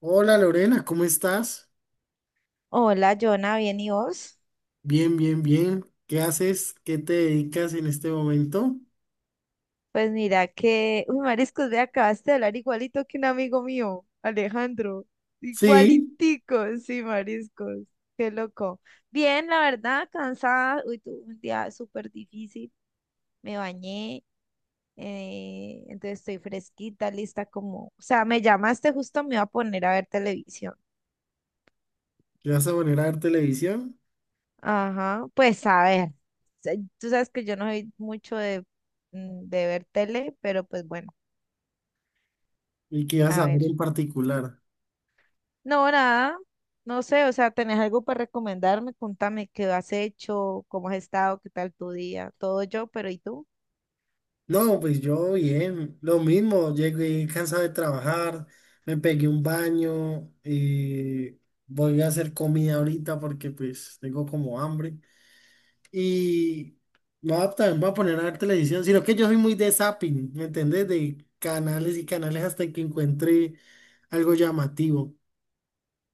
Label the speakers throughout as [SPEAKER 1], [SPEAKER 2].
[SPEAKER 1] Hola Lorena, ¿cómo estás?
[SPEAKER 2] Hola, Jonah, ¿bien y vos?
[SPEAKER 1] Bien, bien, bien. ¿Qué haces? ¿Qué te dedicas en este momento?
[SPEAKER 2] Pues mira que, uy, mariscos, ve, acabaste de hablar igualito que un amigo mío, Alejandro.
[SPEAKER 1] Sí,
[SPEAKER 2] Igualitico, sí, mariscos. Qué loco. Bien, la verdad, cansada. Uy, tuve un día súper difícil. Me bañé, entonces estoy fresquita, lista como... O sea, me llamaste justo, me iba a poner a ver televisión.
[SPEAKER 1] ¿te vas a poner a ver televisión?
[SPEAKER 2] Ajá, pues a ver. Tú sabes que yo no soy mucho de ver tele, pero pues bueno,
[SPEAKER 1] ¿Y qué vas
[SPEAKER 2] a
[SPEAKER 1] a
[SPEAKER 2] ver.
[SPEAKER 1] ver en particular?
[SPEAKER 2] No, nada, no sé, o sea, ¿tenés algo para recomendarme? Contame qué has hecho, cómo has estado, qué tal tu día, todo yo, pero ¿y tú?
[SPEAKER 1] No, pues yo bien, lo mismo, llegué cansado de trabajar, me pegué un baño, voy a hacer comida ahorita porque pues tengo como hambre. Y no va- también voy a poner a ver televisión, sino que yo soy muy de zapping, ¿me entendés? De canales y canales hasta que encuentre algo llamativo.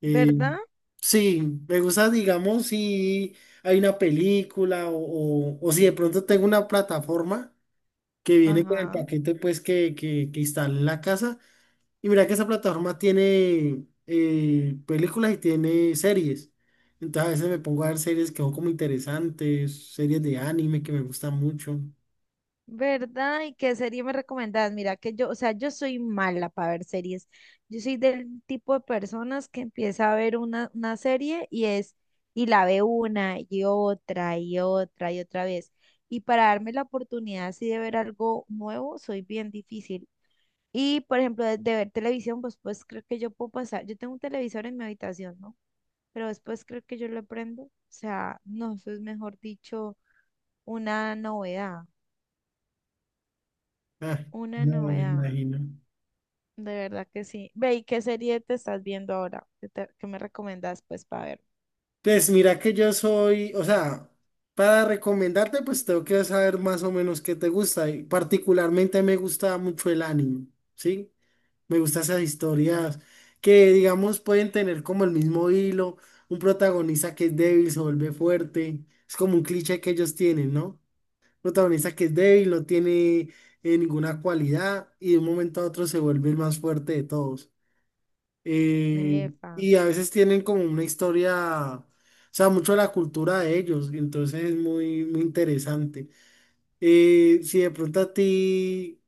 [SPEAKER 1] Eh,
[SPEAKER 2] ¿Verdad?
[SPEAKER 1] sí, me gusta, digamos, si hay una película o si de pronto tengo una plataforma que viene con el
[SPEAKER 2] Ajá.
[SPEAKER 1] paquete pues que instalé en la casa. Y mira que esa plataforma tiene películas y tiene series. Entonces a veces me pongo a ver series que son como interesantes, series de anime que me gustan mucho.
[SPEAKER 2] ¿Verdad? ¿Y qué serie me recomendás? Mira que yo, o sea, yo soy mala para ver series. Yo soy del tipo de personas que empieza a ver una serie y es, y la ve una y otra y otra y otra vez. Y para darme la oportunidad así de ver algo nuevo, soy bien difícil. Y, por ejemplo, de ver televisión, pues creo que yo puedo pasar. Yo tengo un televisor en mi habitación, ¿no? Pero después creo que yo lo prendo. O sea, no, eso es mejor dicho, una novedad.
[SPEAKER 1] Ah,
[SPEAKER 2] Una
[SPEAKER 1] no me
[SPEAKER 2] novedad.
[SPEAKER 1] imagino.
[SPEAKER 2] De verdad que sí. Ve, ¿y qué serie te estás viendo ahora? ¿Qué me recomiendas, pues, para ver?
[SPEAKER 1] Pues mira que yo soy, o sea, para recomendarte, pues tengo que saber más o menos qué te gusta. Y particularmente me gusta mucho el anime, ¿sí? Me gustan esas historias que, digamos, pueden tener como el mismo hilo, un protagonista que es débil se vuelve fuerte, es como un cliché que ellos tienen, ¿no? Protagonista que es débil, no tiene ninguna cualidad y de un momento a otro se vuelve el más fuerte de todos. Eh,
[SPEAKER 2] Efa.
[SPEAKER 1] y a veces tienen como una historia, o sea, mucho de la cultura de ellos, y entonces es muy, muy interesante. Y si de pronto a ti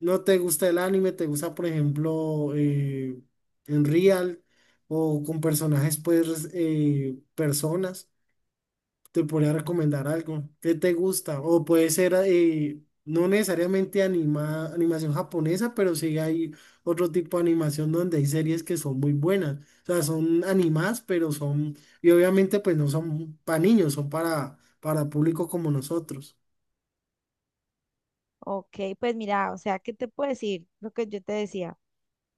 [SPEAKER 1] no te gusta el anime, te gusta, por ejemplo, en Real o con personajes, pues, personas, te podría recomendar algo. ¿Qué te gusta? O puede ser, no necesariamente animación japonesa, pero sí hay otro tipo de animación donde hay series que son muy buenas. O sea, son animadas, pero son, y obviamente, pues no son para niños, son para público como nosotros.
[SPEAKER 2] Ok, pues mira, o sea, ¿qué te puedo decir? Lo que yo te decía.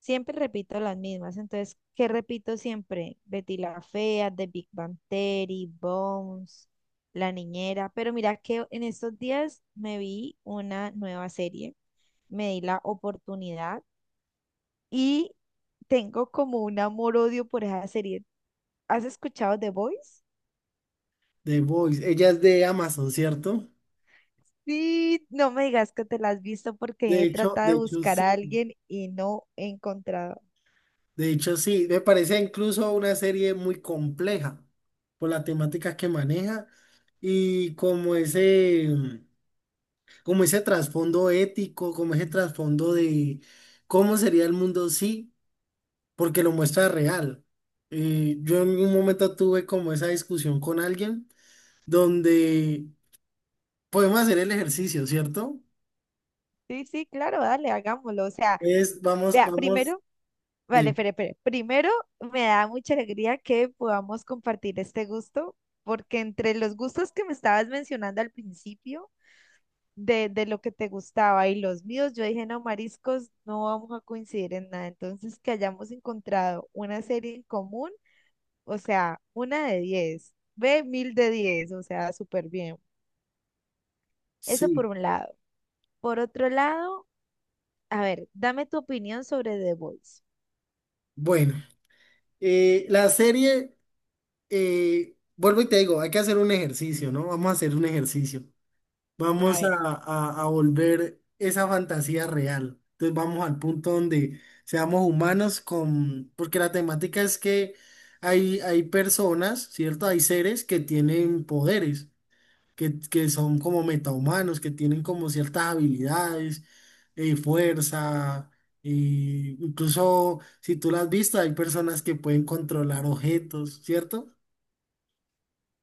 [SPEAKER 2] Siempre repito las mismas. Entonces, ¿qué repito siempre? Betty la Fea, The Big Bang Theory, Bones, La Niñera. Pero mira que en estos días me vi una nueva serie, me di la oportunidad y tengo como un amor-odio por esa serie. ¿Has escuchado The Voice?
[SPEAKER 1] The Voice, ella es de Amazon, ¿cierto?
[SPEAKER 2] Sí, no me digas que te la has visto porque
[SPEAKER 1] De
[SPEAKER 2] he
[SPEAKER 1] hecho,
[SPEAKER 2] tratado
[SPEAKER 1] de
[SPEAKER 2] de
[SPEAKER 1] hecho
[SPEAKER 2] buscar a
[SPEAKER 1] sí,
[SPEAKER 2] alguien y no he encontrado.
[SPEAKER 1] de hecho sí, me parece incluso una serie muy compleja por la temática que maneja y como ese trasfondo ético, como ese trasfondo de cómo sería el mundo sí, porque lo muestra real. Yo en un momento tuve como esa discusión con alguien donde podemos hacer el ejercicio, ¿cierto?
[SPEAKER 2] Sí, sí, claro, dale, hagámoslo. O sea,
[SPEAKER 1] Es, vamos,
[SPEAKER 2] vea,
[SPEAKER 1] vamos,
[SPEAKER 2] primero. Vale,
[SPEAKER 1] dime,
[SPEAKER 2] espere, espere. Primero, me da mucha alegría que podamos compartir este gusto, porque entre los gustos que me estabas mencionando al principio, de lo que te gustaba y los míos, yo dije, no, mariscos, no vamos a coincidir en nada. Entonces, que hayamos encontrado una serie en común, o sea, una de 10 ve, mil de diez, o sea, súper bien. Eso
[SPEAKER 1] sí.
[SPEAKER 2] por un lado. Por otro lado, a ver, dame tu opinión sobre The Voice.
[SPEAKER 1] Bueno, la serie, vuelvo y te digo, hay que hacer un ejercicio, ¿no? Vamos a hacer un ejercicio.
[SPEAKER 2] A
[SPEAKER 1] Vamos a,
[SPEAKER 2] ver,
[SPEAKER 1] a volver esa fantasía real. Entonces vamos al punto donde seamos humanos con, porque la temática es que hay personas, ¿cierto? Hay seres que tienen poderes que son como metahumanos, que tienen como ciertas habilidades, fuerza, incluso si tú lo has visto, hay personas que pueden controlar objetos, ¿cierto?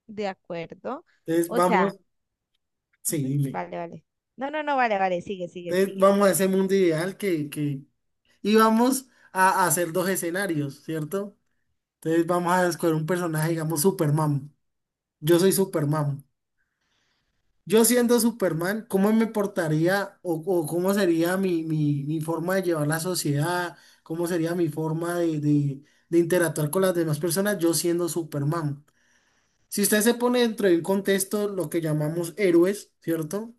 [SPEAKER 2] de acuerdo.
[SPEAKER 1] Entonces
[SPEAKER 2] O sea,
[SPEAKER 1] vamos, sí,
[SPEAKER 2] ujú,
[SPEAKER 1] dime.
[SPEAKER 2] vale, vale. No, no, no, vale, vale, sigue, sigue,
[SPEAKER 1] Entonces
[SPEAKER 2] sigue.
[SPEAKER 1] vamos a ese mundo ideal y vamos a hacer dos escenarios, ¿cierto? Entonces vamos a escoger un personaje, digamos Superman. Yo soy Superman. Yo siendo Superman, ¿cómo me portaría o cómo sería mi, mi forma de llevar la sociedad? ¿Cómo sería mi forma de, de interactuar con las demás personas? Yo siendo Superman. Si usted se pone dentro de un contexto, lo que llamamos héroes, ¿cierto?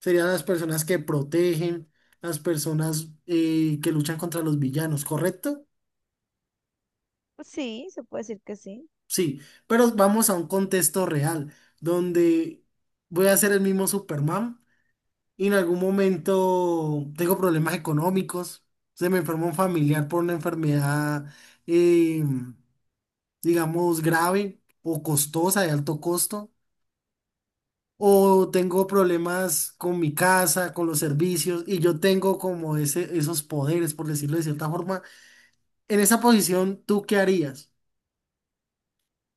[SPEAKER 1] Serían las personas que protegen, las personas que luchan contra los villanos, ¿correcto?
[SPEAKER 2] Pues sí, se puede decir que sí.
[SPEAKER 1] Sí, pero vamos a un contexto real, donde voy a ser el mismo Superman y en algún momento tengo problemas económicos. Se me enfermó un familiar por una enfermedad, eh, digamos, grave o costosa, de alto costo. O tengo problemas con mi casa, con los servicios, y yo tengo como ese, esos poderes, por decirlo de cierta forma. En esa posición, ¿tú qué harías?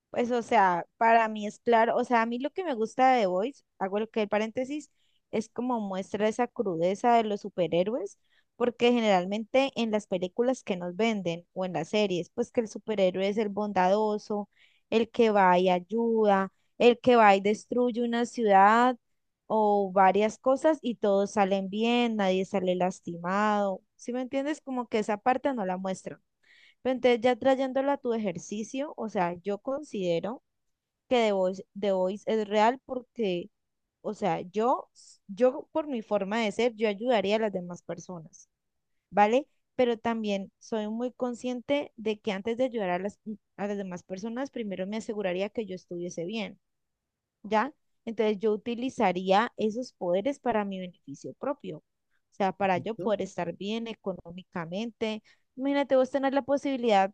[SPEAKER 2] Pues, o sea, para mí es claro, o sea, a mí lo que me gusta de The Voice, hago lo que el paréntesis, es como muestra esa crudeza de los superhéroes, porque generalmente en las películas que nos venden o en las series, pues que el superhéroe es el bondadoso, el que va y ayuda, el que va y destruye una ciudad o varias cosas y todos salen bien, nadie sale lastimado. ¿Sí me entiendes? Como que esa parte no la muestran. Pero entonces ya trayéndola a tu ejercicio, o sea, yo considero que The Voice es real porque, o sea, yo por mi forma de ser, yo ayudaría a las demás personas, ¿vale? Pero también soy muy consciente de que antes de ayudar a las, demás personas, primero me aseguraría que yo estuviese bien, ¿ya? Entonces yo utilizaría esos poderes para mi beneficio propio, o sea, para yo
[SPEAKER 1] ¿No?
[SPEAKER 2] poder estar bien económicamente. Imagínate vos tener la posibilidad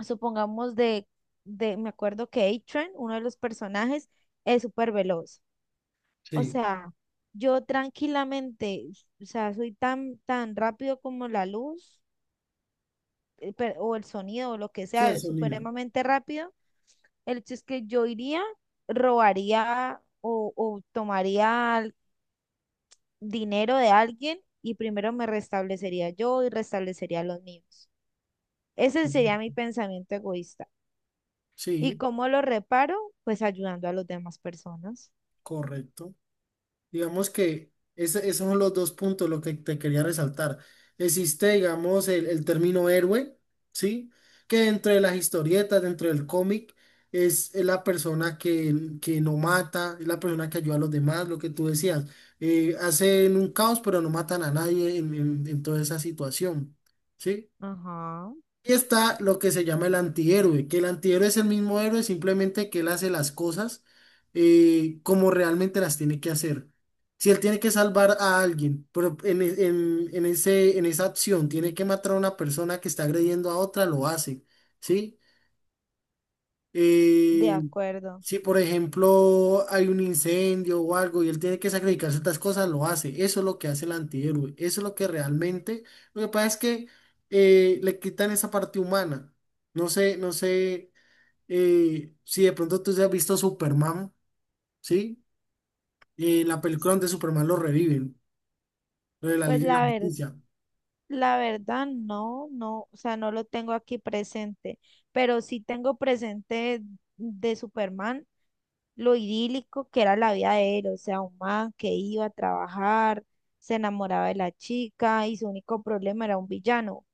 [SPEAKER 2] supongamos me acuerdo que A-Train, uno de los personajes, es súper veloz. O
[SPEAKER 1] Sí,
[SPEAKER 2] sea, yo tranquilamente, o sea, soy tan, tan rápido como la luz o el sonido o lo que
[SPEAKER 1] sí, el
[SPEAKER 2] sea,
[SPEAKER 1] sonido.
[SPEAKER 2] supremamente rápido. El hecho es que yo iría, robaría o tomaría dinero de alguien y primero me restablecería yo y restablecería a los míos. Ese sería mi pensamiento egoísta. ¿Y
[SPEAKER 1] Sí,
[SPEAKER 2] cómo lo reparo? Pues ayudando a las demás personas.
[SPEAKER 1] correcto. Digamos que esos son los dos puntos lo que te quería resaltar. Existe, digamos, el término héroe, ¿sí? Que dentro de las historietas, dentro del cómic, es la persona que no mata, es la persona que ayuda a los demás, lo que tú decías. Hacen un caos, pero no matan a nadie en, en toda esa situación, ¿sí?
[SPEAKER 2] Ajá,
[SPEAKER 1] Y está lo que se llama el antihéroe, que el antihéroe es el mismo héroe, simplemente que él hace las cosas como realmente las tiene que hacer. Si él tiene que salvar a alguien, pero en, en ese, en esa acción tiene que matar a una persona que está agrediendo a otra, lo hace, ¿sí?
[SPEAKER 2] de
[SPEAKER 1] eh,
[SPEAKER 2] acuerdo.
[SPEAKER 1] si por ejemplo hay un incendio o algo y él tiene que sacrificar ciertas cosas, lo hace. Eso es lo que hace el antihéroe. Eso es lo que realmente. Lo que pasa es que le quitan esa parte humana. No sé, no sé si de pronto tú has visto Superman, ¿sí? La película donde Superman lo reviven, lo de la
[SPEAKER 2] Pues
[SPEAKER 1] Liga de la Justicia.
[SPEAKER 2] la verdad no, no, o sea, no lo tengo aquí presente, pero sí tengo presente de Superman lo idílico que era la vida de él, o sea, un man que iba a trabajar, se enamoraba de la chica y su único problema era un villano. O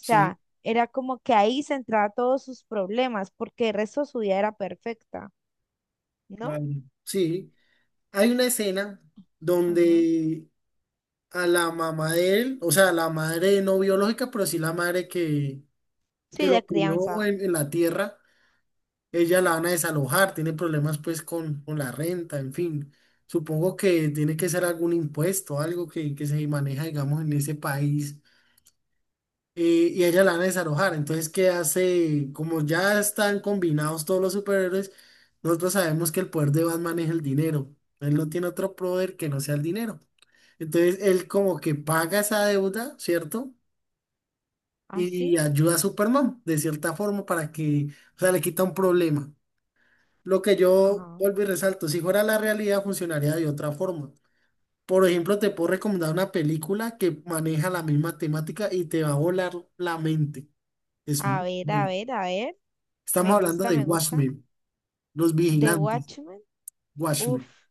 [SPEAKER 1] Sí,
[SPEAKER 2] era como que ahí centraba todos sus problemas, porque el resto de su vida era perfecta, ¿no?
[SPEAKER 1] claro. Sí. Hay una escena
[SPEAKER 2] Ajá.
[SPEAKER 1] donde a la mamá de él, o sea, a la madre no biológica, pero sí la madre que
[SPEAKER 2] Sí, de
[SPEAKER 1] lo crió
[SPEAKER 2] crianza.
[SPEAKER 1] en la tierra, ella la van a desalojar, tiene problemas pues con la renta, en fin. Supongo que tiene que ser algún impuesto, algo que se maneja, digamos, en ese país, y a ella la van a desalojar. Entonces, ¿qué hace? Como ya están combinados todos los superhéroes, nosotros sabemos que el poder de Batman es el dinero. Él no tiene otro poder que no sea el dinero. Entonces él como que paga esa deuda, ¿cierto?
[SPEAKER 2] ¿Ah,
[SPEAKER 1] Y
[SPEAKER 2] sí?
[SPEAKER 1] ayuda a Superman de cierta forma para que, o sea, le quita un problema. Lo que yo
[SPEAKER 2] Ajá.
[SPEAKER 1] vuelvo y resalto, si fuera la realidad funcionaría de otra forma. Por ejemplo, te puedo recomendar una película que maneja la misma temática y te va a volar la mente. Es
[SPEAKER 2] A
[SPEAKER 1] muy
[SPEAKER 2] ver, a
[SPEAKER 1] bueno.
[SPEAKER 2] ver, a ver.
[SPEAKER 1] Estamos
[SPEAKER 2] Me
[SPEAKER 1] hablando
[SPEAKER 2] gusta,
[SPEAKER 1] de
[SPEAKER 2] me gusta.
[SPEAKER 1] Watchmen, Los
[SPEAKER 2] The
[SPEAKER 1] Vigilantes,
[SPEAKER 2] Watchmen.
[SPEAKER 1] Watchmen.
[SPEAKER 2] Uf,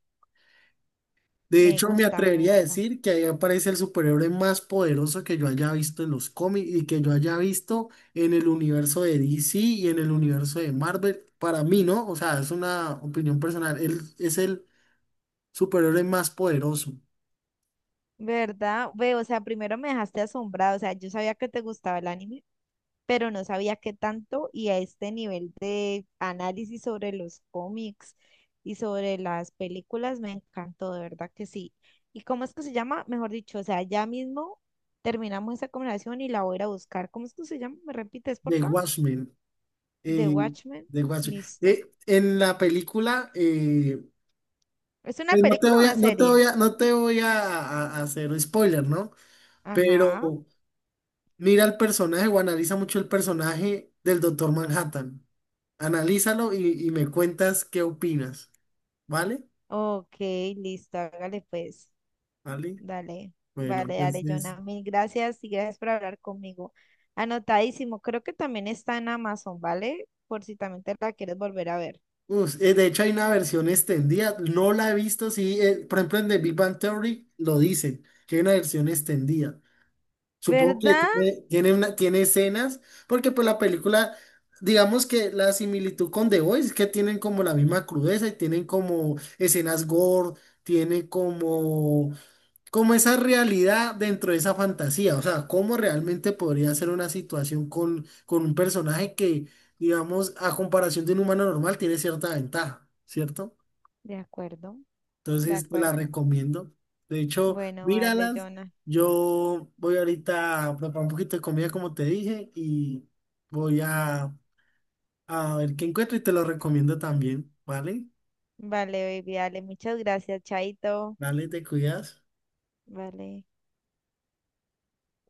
[SPEAKER 1] De
[SPEAKER 2] me
[SPEAKER 1] hecho, me
[SPEAKER 2] gusta, me
[SPEAKER 1] atrevería a
[SPEAKER 2] gusta.
[SPEAKER 1] decir que ahí aparece el superhéroe más poderoso que yo haya visto en los cómics y que yo haya visto en el universo de DC y en el universo de Marvel. Para mí, ¿no? O sea, es una opinión personal. Él es el superhéroe más poderoso
[SPEAKER 2] ¿Verdad? Ve, o sea, primero me dejaste asombrado. O sea, yo sabía que te gustaba el anime, pero no sabía qué tanto, y a este nivel de análisis sobre los cómics y sobre las películas me encantó, de verdad que sí. ¿Y cómo es que se llama? Mejor dicho, o sea, ya mismo terminamos esa conversación y la voy a ir a buscar. ¿Cómo es que se llama? ¿Me repites, por
[SPEAKER 1] de
[SPEAKER 2] favor?
[SPEAKER 1] Watchmen.
[SPEAKER 2] The
[SPEAKER 1] eh,
[SPEAKER 2] Watchmen,
[SPEAKER 1] de Watchmen.
[SPEAKER 2] listo.
[SPEAKER 1] En la película,
[SPEAKER 2] ¿Es una
[SPEAKER 1] pues
[SPEAKER 2] película o una serie?
[SPEAKER 1] no te voy a a hacer spoiler, ¿no? Pero
[SPEAKER 2] Ajá.
[SPEAKER 1] mira el personaje o analiza mucho el personaje del Doctor Manhattan. Analízalo y me cuentas qué opinas, ¿vale?
[SPEAKER 2] Ok, listo, hágale pues.
[SPEAKER 1] ¿Vale?
[SPEAKER 2] Dale,
[SPEAKER 1] Bueno,
[SPEAKER 2] vale, dale,
[SPEAKER 1] entonces...
[SPEAKER 2] Jonah. Mil gracias y gracias por hablar conmigo. Anotadísimo, creo que también está en Amazon, ¿vale? Por si también te la quieres volver a ver.
[SPEAKER 1] de hecho, hay una versión extendida, no la he visto, sí, por ejemplo en The Big Bang Theory lo dicen, que hay una versión extendida. Supongo que
[SPEAKER 2] ¿Verdad?
[SPEAKER 1] tiene, tiene, tiene escenas, porque pues la película, digamos que la similitud con The Voice es que tienen como la misma crudeza y tienen como escenas gore, tienen como... como esa realidad dentro de esa fantasía, o sea, cómo realmente podría ser una situación con un personaje que, digamos, a comparación de un humano normal, tiene cierta ventaja, ¿cierto?
[SPEAKER 2] De acuerdo, de
[SPEAKER 1] Entonces, te la
[SPEAKER 2] acuerdo.
[SPEAKER 1] recomiendo. De hecho,
[SPEAKER 2] Bueno, vale,
[SPEAKER 1] míralas.
[SPEAKER 2] Jonah.
[SPEAKER 1] Yo voy ahorita a preparar un poquito de comida, como te dije, y voy a ver qué encuentro y te lo recomiendo también, ¿vale?
[SPEAKER 2] Vale, baby, dale, muchas gracias, Chaito.
[SPEAKER 1] Dale, te cuidas.
[SPEAKER 2] Vale.